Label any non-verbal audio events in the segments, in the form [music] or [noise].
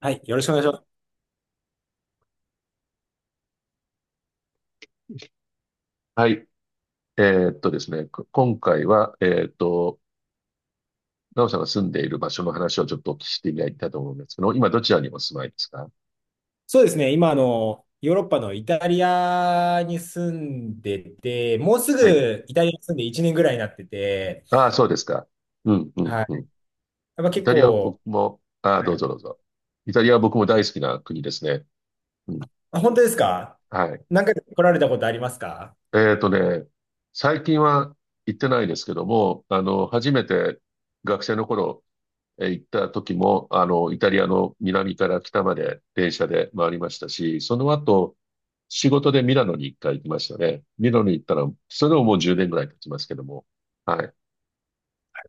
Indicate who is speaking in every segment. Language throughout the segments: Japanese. Speaker 1: はい、よろしくお願いします。
Speaker 2: はい。ですね、今回は、なおさんが住んでいる場所の話をちょっとお聞きしてみたいと思うんですけど、今どちらにお住まいですか？
Speaker 1: そうですね、今、ヨーロッパのイタリアに住んでて、もうす
Speaker 2: はい。
Speaker 1: ぐイタリアに住んで1年ぐらいになってて、
Speaker 2: ああ、そうですか。うん、う
Speaker 1: は
Speaker 2: ん、
Speaker 1: い。
Speaker 2: うん。
Speaker 1: やっぱ
Speaker 2: イ
Speaker 1: 結
Speaker 2: タリアは僕
Speaker 1: 構、
Speaker 2: も、ああ、ど
Speaker 1: は
Speaker 2: う
Speaker 1: い。
Speaker 2: ぞどうぞ。イタリアは僕も大好きな国ですね。うん。
Speaker 1: あ、本当ですか？
Speaker 2: はい。
Speaker 1: 何回か来られたことありますか？
Speaker 2: えーっとね、最近は行ってないですけども、初めて学生の頃、行った時も、イタリアの南から北まで電車で回りましたし、その後、仕事でミラノに一回行きましたね。ミラノに行ったら、それでももう10年ぐらい経ちますけども。はい。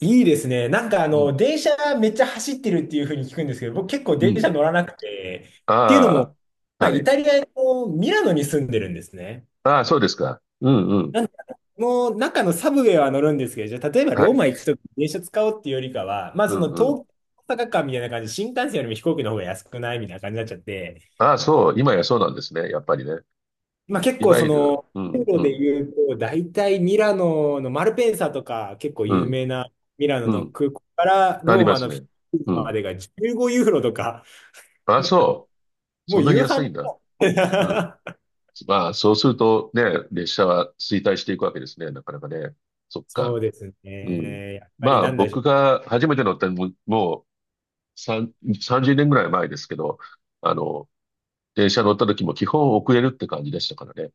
Speaker 1: いいですね。なんかあ
Speaker 2: う
Speaker 1: の、
Speaker 2: ん。
Speaker 1: 電車めっちゃ走ってるっていうふうに聞くんですけど、僕結構
Speaker 2: う
Speaker 1: 電車
Speaker 2: ん。
Speaker 1: 乗らなくて、っていうのも、
Speaker 2: ああ、
Speaker 1: まあ、
Speaker 2: は
Speaker 1: イ
Speaker 2: い。
Speaker 1: タリアのミラノに住んでるんですね。
Speaker 2: ああ、そうですか。うんうん。
Speaker 1: なんかもう中のサブウェイは乗るんですけど、じゃあ例えば
Speaker 2: は
Speaker 1: ロー
Speaker 2: い。
Speaker 1: マ行くときに電車使おうっていうよりかは、まあ
Speaker 2: う
Speaker 1: そ
Speaker 2: ん
Speaker 1: の
Speaker 2: うん。
Speaker 1: 東京大阪間みたいな感じで、新幹線よりも飛行機の方が安くないみたいな感じになっちゃって、
Speaker 2: ああ、そう。今やそうなんですね。やっぱりね。
Speaker 1: まあ結
Speaker 2: い
Speaker 1: 構
Speaker 2: わ
Speaker 1: そ
Speaker 2: ゆる、
Speaker 1: の、
Speaker 2: う
Speaker 1: ユー
Speaker 2: ん
Speaker 1: ロ
Speaker 2: う
Speaker 1: で
Speaker 2: ん
Speaker 1: 言うと、大体ミラノのマルペンサとか結構
Speaker 2: う
Speaker 1: 有
Speaker 2: ん
Speaker 1: 名なミラノ
Speaker 2: う
Speaker 1: の
Speaker 2: ん。
Speaker 1: 空港から
Speaker 2: あり
Speaker 1: ロー
Speaker 2: ま
Speaker 1: マ
Speaker 2: す
Speaker 1: のフィ
Speaker 2: ね。
Speaker 1: レンツ
Speaker 2: う
Speaker 1: ェま
Speaker 2: ん。
Speaker 1: でが15ユーロとか、
Speaker 2: ああ、そう。
Speaker 1: も
Speaker 2: そ
Speaker 1: う
Speaker 2: んなに
Speaker 1: 夕飯
Speaker 2: 安い
Speaker 1: の。
Speaker 2: んだ。うん。
Speaker 1: [laughs]
Speaker 2: まあ、そうするとね、列車は衰退していくわけですね、なかなかね。そっ
Speaker 1: そ
Speaker 2: か。
Speaker 1: うです
Speaker 2: うん。
Speaker 1: ね。やっぱ
Speaker 2: ま
Speaker 1: りな
Speaker 2: あ、
Speaker 1: んだでしょ
Speaker 2: 僕
Speaker 1: う。
Speaker 2: が初めて乗ったのも、もう3、30年ぐらい前ですけど、あの、電車乗った時も基本遅れるって感じでしたからね。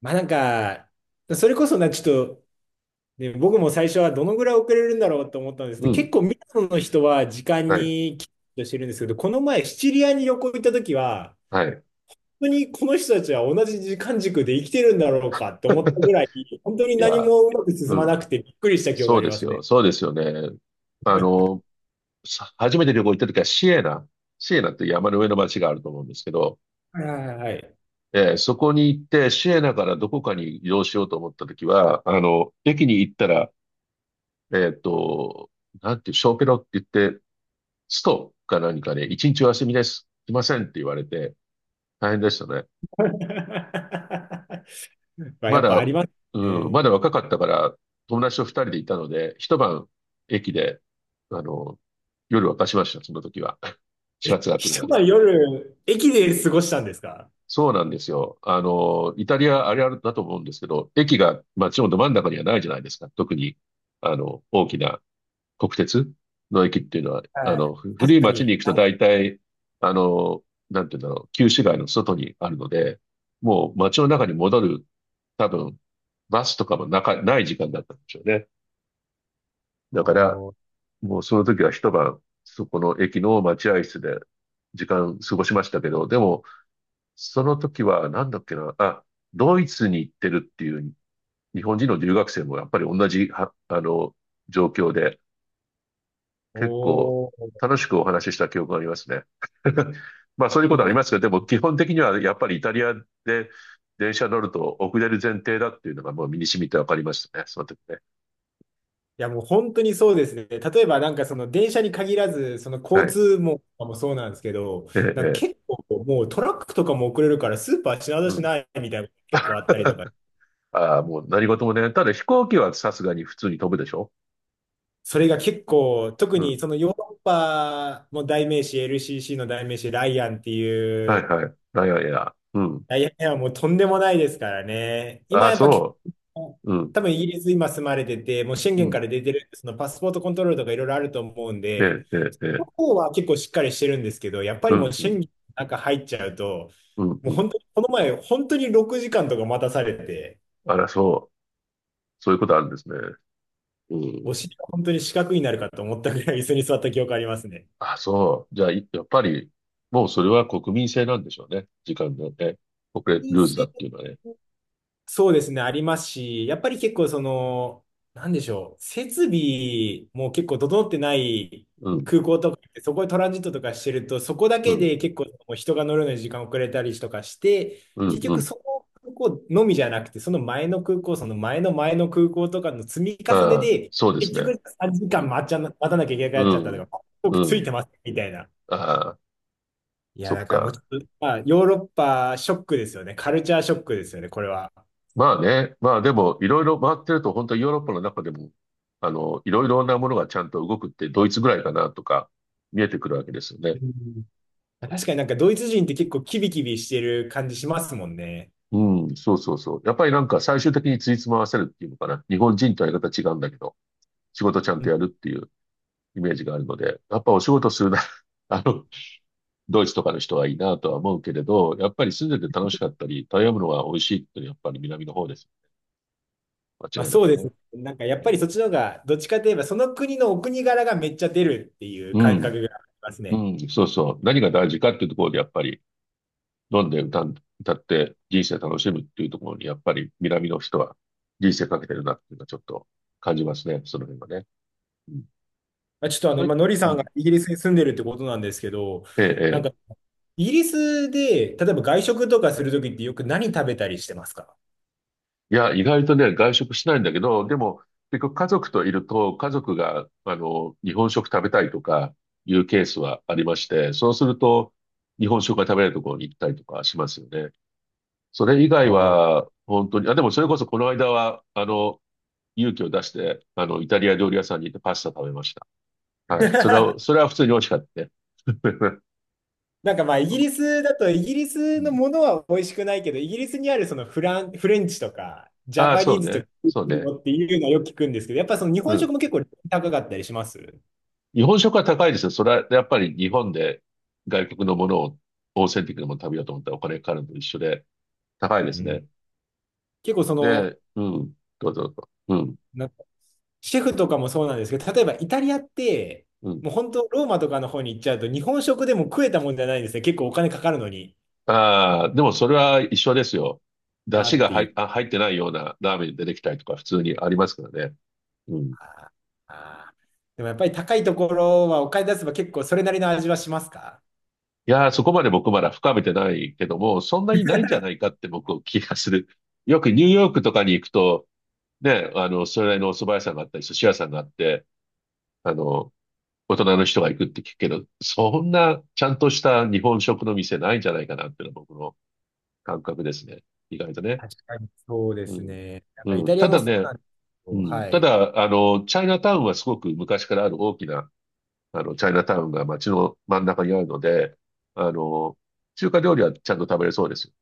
Speaker 1: まあなんか、それこそな、ちょっと、で、僕も最初はどのぐらい遅れるんだろうと思ったんです
Speaker 2: う
Speaker 1: けど、結
Speaker 2: ん。
Speaker 1: 構ミラノの人は時間
Speaker 2: はい。
Speaker 1: にきっとしてるんですけど、この前シチリアに旅行行った時は、
Speaker 2: はい。
Speaker 1: 本当にこの人たちは同じ時間軸で生きてるんだろうかと思ったぐ
Speaker 2: [laughs]
Speaker 1: らい、本当に
Speaker 2: い
Speaker 1: 何
Speaker 2: や、
Speaker 1: もうまく進
Speaker 2: う
Speaker 1: ま
Speaker 2: ん。
Speaker 1: なくてびっくりした記憶が
Speaker 2: そ
Speaker 1: あ
Speaker 2: う
Speaker 1: り
Speaker 2: で
Speaker 1: ま
Speaker 2: す
Speaker 1: す
Speaker 2: よ。
Speaker 1: ね。
Speaker 2: そうですよね。あの、初めて旅行行った時はシエナ。シエナって山の上の町があると思うんですけど、
Speaker 1: はいはいはい。
Speaker 2: そこに行って、シエナからどこかに移動しようと思ったときは、駅に行ったら、えっと、なんていう、小ペロって言って、ストか何かね、一日お休みです。来ませんって言われて、大変でしたね。
Speaker 1: [laughs] まあ、
Speaker 2: ま
Speaker 1: やっ
Speaker 2: だ、
Speaker 1: ぱあります
Speaker 2: うん、ま
Speaker 1: ね。
Speaker 2: だ若かったから、友達と二人でいたので、一晩駅で、あの、夜沸かしました、その時は。[laughs] 始
Speaker 1: え、
Speaker 2: 発が来るま
Speaker 1: 一
Speaker 2: で。
Speaker 1: 晩夜、駅で過ごしたんですか？
Speaker 2: そうなんですよ。イタリアあれあるだと思うんですけど、駅が街のど真ん中にはないじゃないですか。特に、大きな国鉄の駅っていうのは、
Speaker 1: はい。確
Speaker 2: 古い
Speaker 1: か
Speaker 2: 街に
Speaker 1: に。
Speaker 2: 行くと大体、あの、なんていうんだろう、旧市街の外にあるので、もう街の中に戻る、多分、バスとかもない時間だったんでしょうね。
Speaker 1: お
Speaker 2: だから、
Speaker 1: ー、
Speaker 2: もうその時は一晩、そこの駅の待合室で時間過ごしましたけど、でも、その時は、なんだっけな、あ、ドイツに行ってるっていう日本人の留学生もやっぱり同じは、状況で、結構
Speaker 1: おー、
Speaker 2: 楽しくお話しした記憶がありますね。[laughs] まあそういうことありますけど、でも基本的にはやっぱりイタリアで電車乗ると遅れる前提だっていうのがもう身に染みてわかりましたね、その時ね。
Speaker 1: いや、もう本当にそうですね。例えば、なんかその電車に限らず、その
Speaker 2: は
Speaker 1: 交
Speaker 2: い。
Speaker 1: 通網とかもそうなんですけど、
Speaker 2: ええ、
Speaker 1: なんか
Speaker 2: ええ、
Speaker 1: 結構もうトラックとかも遅れるからスーパー品出
Speaker 2: う
Speaker 1: し
Speaker 2: ん。
Speaker 1: ないみたいなのが結構あったりとか、
Speaker 2: [laughs] ああ、もう何事もね。ただ飛行機はさすがに普通に飛ぶでしょ？
Speaker 1: それが結構、特
Speaker 2: う
Speaker 1: に
Speaker 2: ん。
Speaker 1: そのヨーロッパの代名詞、LCC の代名詞、ライアンってい
Speaker 2: はい
Speaker 1: う、
Speaker 2: はい。いやいやいや。うん。
Speaker 1: ライアンはもうとんでもないですからね。
Speaker 2: あ
Speaker 1: 今
Speaker 2: あ、
Speaker 1: やっぱ結
Speaker 2: そ
Speaker 1: 構、
Speaker 2: う。うん。
Speaker 1: 多分イギリス今住まれてて、もう宣
Speaker 2: う
Speaker 1: 言か
Speaker 2: ん。
Speaker 1: ら出てる、そのパスポートコントロールとかいろいろあると思うん
Speaker 2: え
Speaker 1: で、
Speaker 2: え、ええ、え
Speaker 1: の
Speaker 2: え。
Speaker 1: 方は結構しっかりしてるんですけど、やっぱ
Speaker 2: う
Speaker 1: りもう
Speaker 2: ん、う
Speaker 1: 審
Speaker 2: ん、
Speaker 1: 議の中入っちゃうと、
Speaker 2: うん、
Speaker 1: も
Speaker 2: う
Speaker 1: う本
Speaker 2: ん。
Speaker 1: 当に、この前、本当に6時間とか待たされて、
Speaker 2: あら、そう。そういうことあるんですね。うん。
Speaker 1: お尻が本当に四角になるかと思ったぐらい椅子に座った記憶ありますね。
Speaker 2: あ、そう。じゃあ、いやっぱり、もうそれは国民性なんでしょうね。時間のね。
Speaker 1: 人
Speaker 2: ルーズだ
Speaker 1: 生
Speaker 2: っていうのはね。
Speaker 1: そうですね、ありますし、やっぱり結構その、なんでしょう、設備も結構整ってない
Speaker 2: うん、
Speaker 1: 空港とかって、そこでトランジットとかしてると、そこだ
Speaker 2: う
Speaker 1: け
Speaker 2: ん、
Speaker 1: で結構もう人が乗るのに時間遅れたりとかして、
Speaker 2: うん、
Speaker 1: 結
Speaker 2: う
Speaker 1: 局
Speaker 2: ん。
Speaker 1: そこ空港のみじゃなくて、その前の空港、その前の前の空港とかの積み重ね
Speaker 2: ああ、
Speaker 1: で、
Speaker 2: そうで
Speaker 1: 結
Speaker 2: すね。
Speaker 1: 局3時
Speaker 2: う
Speaker 1: 間
Speaker 2: ん、
Speaker 1: 待っちゃな、待たなきゃいけなくなっ
Speaker 2: う
Speaker 1: ちゃったと
Speaker 2: ん、
Speaker 1: か、僕
Speaker 2: う
Speaker 1: つい
Speaker 2: ん。
Speaker 1: てますみたいな。
Speaker 2: ああ、
Speaker 1: いや、
Speaker 2: そっ
Speaker 1: だからもうち
Speaker 2: か。
Speaker 1: ょっと、まあ、ヨーロッパショックですよね。カルチャーショックですよね、これは。
Speaker 2: まあね。まあでも、いろいろ回ってると、本当にヨーロッパの中でも、いろいろなものがちゃんと動くって、ドイツぐらいかなとか、見えてくるわけですよね。
Speaker 1: うん、確かになんかドイツ人って結構キビキビしてる感じしますもんね。
Speaker 2: うん、そうそうそう。やっぱりなんか最終的についつま合わせるっていうのかな。日本人とやり方違うんだけど、仕事ちゃん
Speaker 1: う
Speaker 2: と
Speaker 1: ん、
Speaker 2: やるっていうイメージがあるので、やっぱお仕事するな、[laughs] あの、ドイツとかの人はいいなとは思うけれど、やっぱり住んでて楽しかったり、食べ物が美味しいっていうのはやっぱり南の方です。
Speaker 1: ま
Speaker 2: 間
Speaker 1: あ、
Speaker 2: 違いな
Speaker 1: そ
Speaker 2: く
Speaker 1: うです
Speaker 2: ね。
Speaker 1: ね。なんかやっ
Speaker 2: う
Speaker 1: ぱ
Speaker 2: ん、
Speaker 1: りそっちの方が、どっちかといえばその国のお国柄がめっちゃ出るっていう
Speaker 2: う
Speaker 1: 感
Speaker 2: ん、
Speaker 1: 覚があります
Speaker 2: う
Speaker 1: ね。
Speaker 2: んそうそう。何が大事かっていうところでやっぱり飲んで歌って人生楽しむっていうところにやっぱり南の人は人生かけてるなっていうのはちょっと感じますね。その辺はね。うん。
Speaker 1: まあ、ちょっとあの
Speaker 2: は
Speaker 1: 今、
Speaker 2: い。
Speaker 1: ノリ
Speaker 2: う
Speaker 1: さんが
Speaker 2: ん
Speaker 1: イギリスに住んでるってことなんですけど、
Speaker 2: ええ、
Speaker 1: なん
Speaker 2: え
Speaker 1: か
Speaker 2: え。
Speaker 1: イギリスで、例えば外食とかするときってよく何食べたりしてますか？
Speaker 2: いや、意外とね、外食しないんだけど、でも、結局家族といると、家族が、日本食食べたいとかいうケースはありまして、そうすると、日本食が食べれるところに行ったりとかしますよね。それ以外
Speaker 1: ああ。
Speaker 2: は、本当に、あ、でもそれこそこの間は、勇気を出して、イタリア料理屋さんに行ってパスタ食べました。はい。それは、
Speaker 1: [laughs]
Speaker 2: それは普通に美味しかったね。[laughs]
Speaker 1: なんかまあイ
Speaker 2: そ
Speaker 1: ギ
Speaker 2: う
Speaker 1: リスだとイギリ
Speaker 2: う
Speaker 1: スの
Speaker 2: ん、
Speaker 1: ものは美味しくないけど、イギリスにあるそのフラン、フレンチとかジャ
Speaker 2: ああ、
Speaker 1: パ
Speaker 2: そ
Speaker 1: ニー
Speaker 2: う
Speaker 1: ズとか
Speaker 2: ね。そうね。
Speaker 1: っていうのはよく聞くんですけど、やっぱその日
Speaker 2: う
Speaker 1: 本食
Speaker 2: ん。
Speaker 1: も結構高かったりします
Speaker 2: 日本食は高いですよ。それはやっぱり日本で外国のものをオーセンティックなものを食べようと思ったらお金かかるのと一緒で高いで
Speaker 1: う
Speaker 2: す
Speaker 1: ん、
Speaker 2: ね。
Speaker 1: 結構その、
Speaker 2: で、うん、どうぞどうぞ。うん、
Speaker 1: な、シェフとかもそうなんですけど、例えばイタリアって、
Speaker 2: うん。
Speaker 1: もう本当、ローマとかの方に行っちゃうと、日本食でも食えたもんじゃないんですね。結構お金かかるのに
Speaker 2: ああ、でもそれは一緒ですよ。出
Speaker 1: な
Speaker 2: 汁
Speaker 1: っ
Speaker 2: が
Speaker 1: ていう。
Speaker 2: 入ってないようなラーメン出てきたりとか普通にありますからね。うん。
Speaker 1: あー、でもやっぱり高いところはお金出せば結構それなりの味はしますか？
Speaker 2: いやー、そこまで僕まだ深めてないけども、そんなにないんじゃないかって僕は気がする。よくニューヨークとかに行くと、ね、それなりのお蕎麦屋さんがあったり、寿司屋さんがあって、あの、大人の人が行くって聞くけど、そんなちゃんとした日本食の店ないんじゃないかなっていうのは僕の感覚ですね。意外とね。
Speaker 1: 確かにそうで
Speaker 2: う
Speaker 1: す
Speaker 2: ん。
Speaker 1: ね。なんかイ
Speaker 2: う
Speaker 1: タ
Speaker 2: ん。
Speaker 1: リ
Speaker 2: た
Speaker 1: アも
Speaker 2: だ
Speaker 1: そう
Speaker 2: ね、
Speaker 1: なんですけ
Speaker 2: う
Speaker 1: ど、は
Speaker 2: ん。た
Speaker 1: い。
Speaker 2: だ、チャイナタウンはすごく昔からある大きな、チャイナタウンが街の真ん中にあるので、あの、中華料理はちゃんと食べれそうですよ。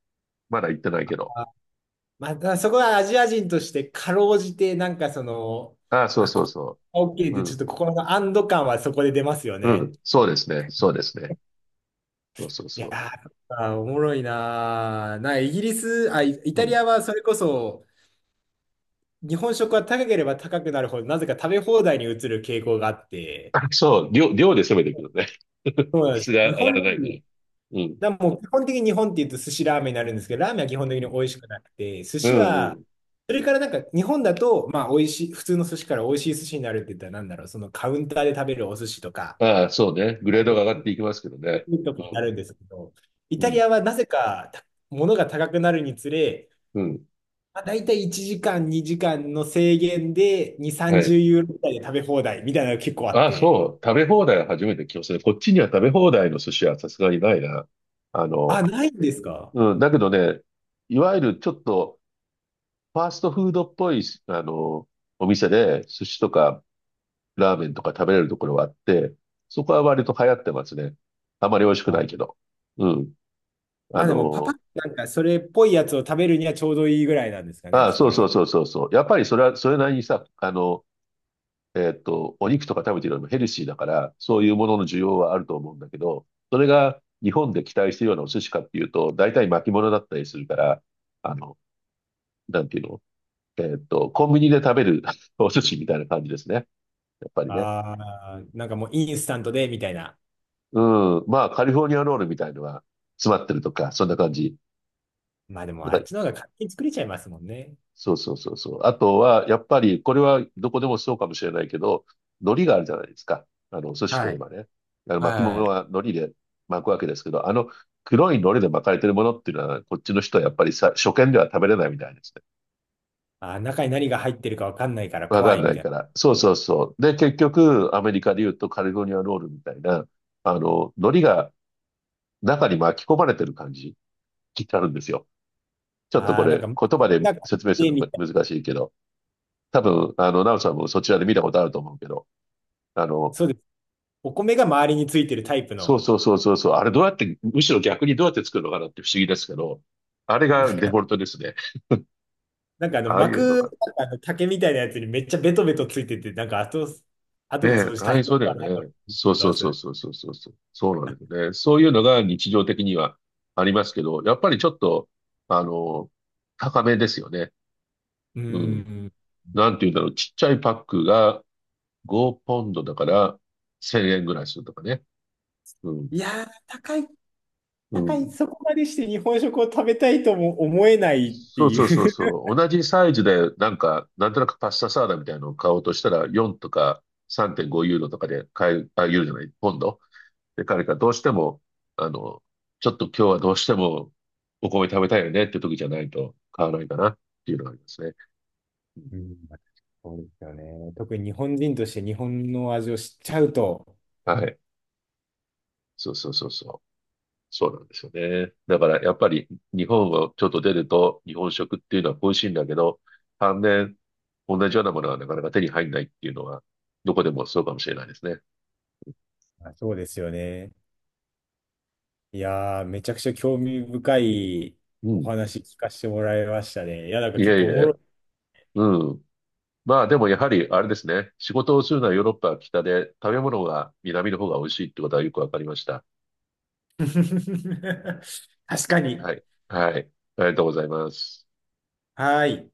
Speaker 2: まだ行ってないけど。
Speaker 1: あ、またそこはアジア人としてかろうじて、なんかその、
Speaker 2: ああ、そう
Speaker 1: あ、
Speaker 2: そう
Speaker 1: こ
Speaker 2: そ
Speaker 1: こ OK
Speaker 2: う。う
Speaker 1: で、ちょっ
Speaker 2: ん。
Speaker 1: と心の安堵感はそこで出ますよ
Speaker 2: う
Speaker 1: ね。
Speaker 2: ん。そうですね。そうですね。そうそう
Speaker 1: いや
Speaker 2: そ
Speaker 1: ー、あーおもろいなー。な、イギリス、あ、イ、イ
Speaker 2: う。
Speaker 1: タ
Speaker 2: う
Speaker 1: リ
Speaker 2: ん。
Speaker 1: アはそれこそ、日本食は高ければ高くなるほど、なぜか食べ放題に移る傾向があって、
Speaker 2: あそう、量、量で攻めていくのね。
Speaker 1: そ
Speaker 2: [laughs]
Speaker 1: うなんで
Speaker 2: 質
Speaker 1: す。日
Speaker 2: が上が
Speaker 1: 本
Speaker 2: ら
Speaker 1: 料
Speaker 2: ないから。
Speaker 1: 理、
Speaker 2: うん。
Speaker 1: だもう基本的に日本って言うと寿司ラーメンになるんですけど、ラーメンは基本
Speaker 2: う
Speaker 1: 的に
Speaker 2: ん。
Speaker 1: 美味しくなくて、寿
Speaker 2: う
Speaker 1: 司
Speaker 2: んう
Speaker 1: は、
Speaker 2: ん。
Speaker 1: それからなんか日本だと、まあ美味しい、普通の寿司から美味しい寿司になるって言ったらなんだろう、そのカウンターで食べるお寿司とか、
Speaker 2: ああ、そうね。グレードが上がっていきますけどね。
Speaker 1: とか
Speaker 2: う
Speaker 1: にな
Speaker 2: ん。
Speaker 1: るんですけど、イ
Speaker 2: う
Speaker 1: タ
Speaker 2: ん。
Speaker 1: リアはなぜか、た、物が高くなるにつれ、
Speaker 2: うん。
Speaker 1: まあ、大体1時間、2時間の制限で2、
Speaker 2: はい。
Speaker 1: 30ユーロぐらいで食べ放題みたいなのが結構あっ
Speaker 2: ああ、
Speaker 1: て。
Speaker 2: そう。食べ放題は初めて聞きましたね。こっちには食べ放題の寿司はさすがにないな。あ
Speaker 1: あ、
Speaker 2: の、
Speaker 1: ないんですか？
Speaker 2: うん。だけどね、いわゆるちょっとファーストフードっぽい、あの、お店で寿司とかラーメンとか食べれるところはあって、そこは割と流行ってますね。あまり美味しくな
Speaker 1: あ、
Speaker 2: いけど。うん。
Speaker 1: ま
Speaker 2: あ
Speaker 1: あでもパパッ
Speaker 2: の、
Speaker 1: となんかそれっぽいやつを食べるにはちょうどいいぐらいなんですかね、
Speaker 2: ああ、
Speaker 1: そ
Speaker 2: そ
Speaker 1: こ
Speaker 2: う
Speaker 1: ら
Speaker 2: そう
Speaker 1: 辺。
Speaker 2: そうそうそう。やっぱりそれは、それなりにさ、お肉とか食べてるよりもヘルシーだから、そういうものの需要はあると思うんだけど、それが日本で期待してるようなお寿司かっていうと、大体巻物だったりするから、あの、なんていうのコンビニで食べる [laughs] お寿司みたいな感じですね。やっぱりね。
Speaker 1: ああ、なんかもうインスタントでみたいな。
Speaker 2: うん。まあ、カリフォルニアロールみたいのが詰まってるとか、そんな感じ。
Speaker 1: まあでもあっちの方が勝手に作れちゃいますもんね。
Speaker 2: そうそうそうそう。あとは、やっぱり、これはどこでもそうかもしれないけど、海苔があるじゃないですか。お寿司と
Speaker 1: は
Speaker 2: いえ
Speaker 1: い。
Speaker 2: ばね。あの巻き
Speaker 1: は
Speaker 2: 物
Speaker 1: い。
Speaker 2: は海苔で巻くわけですけど、あの黒い海苔で巻かれてるものっていうのは、こっちの人はやっぱりさ、初見では食べれないみたいですね。
Speaker 1: あー、中に何が入ってるかわかんないから
Speaker 2: わ
Speaker 1: 怖
Speaker 2: かん
Speaker 1: い
Speaker 2: な
Speaker 1: み
Speaker 2: い
Speaker 1: たい
Speaker 2: から。そうそうそう。で、結局、アメリカで言うとカリフォルニアロールみたいな、海苔が中に巻き込まれてる感じになるんですよ。ちょ
Speaker 1: な。
Speaker 2: っと
Speaker 1: あ
Speaker 2: こ
Speaker 1: あ、なんか、
Speaker 2: れ、言葉で
Speaker 1: なんか
Speaker 2: 説明するの
Speaker 1: みたい
Speaker 2: 難
Speaker 1: な。
Speaker 2: しいけど、多分、ナオさんもそちらで見たことあると思うけど、あの、
Speaker 1: そうです。お米が周りについてるタイプ
Speaker 2: そう
Speaker 1: の、
Speaker 2: そうそうそうそう、あれどうやって、むしろ逆にどうやって作るのかなって不思議ですけど、あれ
Speaker 1: なん
Speaker 2: がデフ
Speaker 1: か、
Speaker 2: ォルトですね。
Speaker 1: なんかあの
Speaker 2: ああい
Speaker 1: 膜、
Speaker 2: うのが。
Speaker 1: なんかあの竹みたいなやつにめっちゃベトベトついてて、なんか後、
Speaker 2: ね
Speaker 1: 後の
Speaker 2: え、
Speaker 1: 掃除
Speaker 2: 大
Speaker 1: 大
Speaker 2: 変
Speaker 1: 変
Speaker 2: そうだよ
Speaker 1: だなと
Speaker 2: ね。
Speaker 1: 思
Speaker 2: そうそ
Speaker 1: いま
Speaker 2: うそう
Speaker 1: す。
Speaker 2: そうそうそうそう。そうなんだよね。そういうのが日常的にはありますけど、やっぱりちょっと、あの、高めですよね。
Speaker 1: う
Speaker 2: うん。
Speaker 1: ん。
Speaker 2: なんて言うんだろう。ちっちゃいパックが5ポンドだから1000円ぐらいするとかね。うん。
Speaker 1: いやー、高い、
Speaker 2: う
Speaker 1: 高い、
Speaker 2: ん。
Speaker 1: そこまでして日本食を食べたいとも思えないって
Speaker 2: そう
Speaker 1: い
Speaker 2: そうそう
Speaker 1: う。
Speaker 2: そう。同じサイズで、なんか、なんとなくパスタサラダみたいなのを買おうとしたら、4とか3.5ユーロとかで買え、あ、ユーロじゃない、ポンド。で、彼がどうしても、あの、ちょっと今日はどうしてもお米食べたいよねって時じゃないと買わないかなっていうのがありますね。うん
Speaker 1: うん、まあそうですよね。特に日本人として日本の味を知っちゃうと、
Speaker 2: はい。そうそうそうそう。そうなんですよね。だからやっぱり日本をちょっと出ると日本食っていうのは恋しいんだけど、反面同じようなものはなかなか手に入んないっていうのはどこでもそうかもしれないですね。
Speaker 1: まあそうですよね。いやー、めちゃくちゃ興味深い
Speaker 2: う
Speaker 1: お
Speaker 2: ん。
Speaker 1: 話聞かせてもらいましたね。いや、なんか
Speaker 2: いえ
Speaker 1: 結
Speaker 2: い
Speaker 1: 構おもろ
Speaker 2: え。
Speaker 1: い。
Speaker 2: うん。まあでもやはりあれですね。仕事をするのはヨーロッパは北で、食べ物が南の方が美味しいってことはよくわかりました。
Speaker 1: [laughs] 確かに。
Speaker 2: はい。はい。ありがとうございます。
Speaker 1: はーい。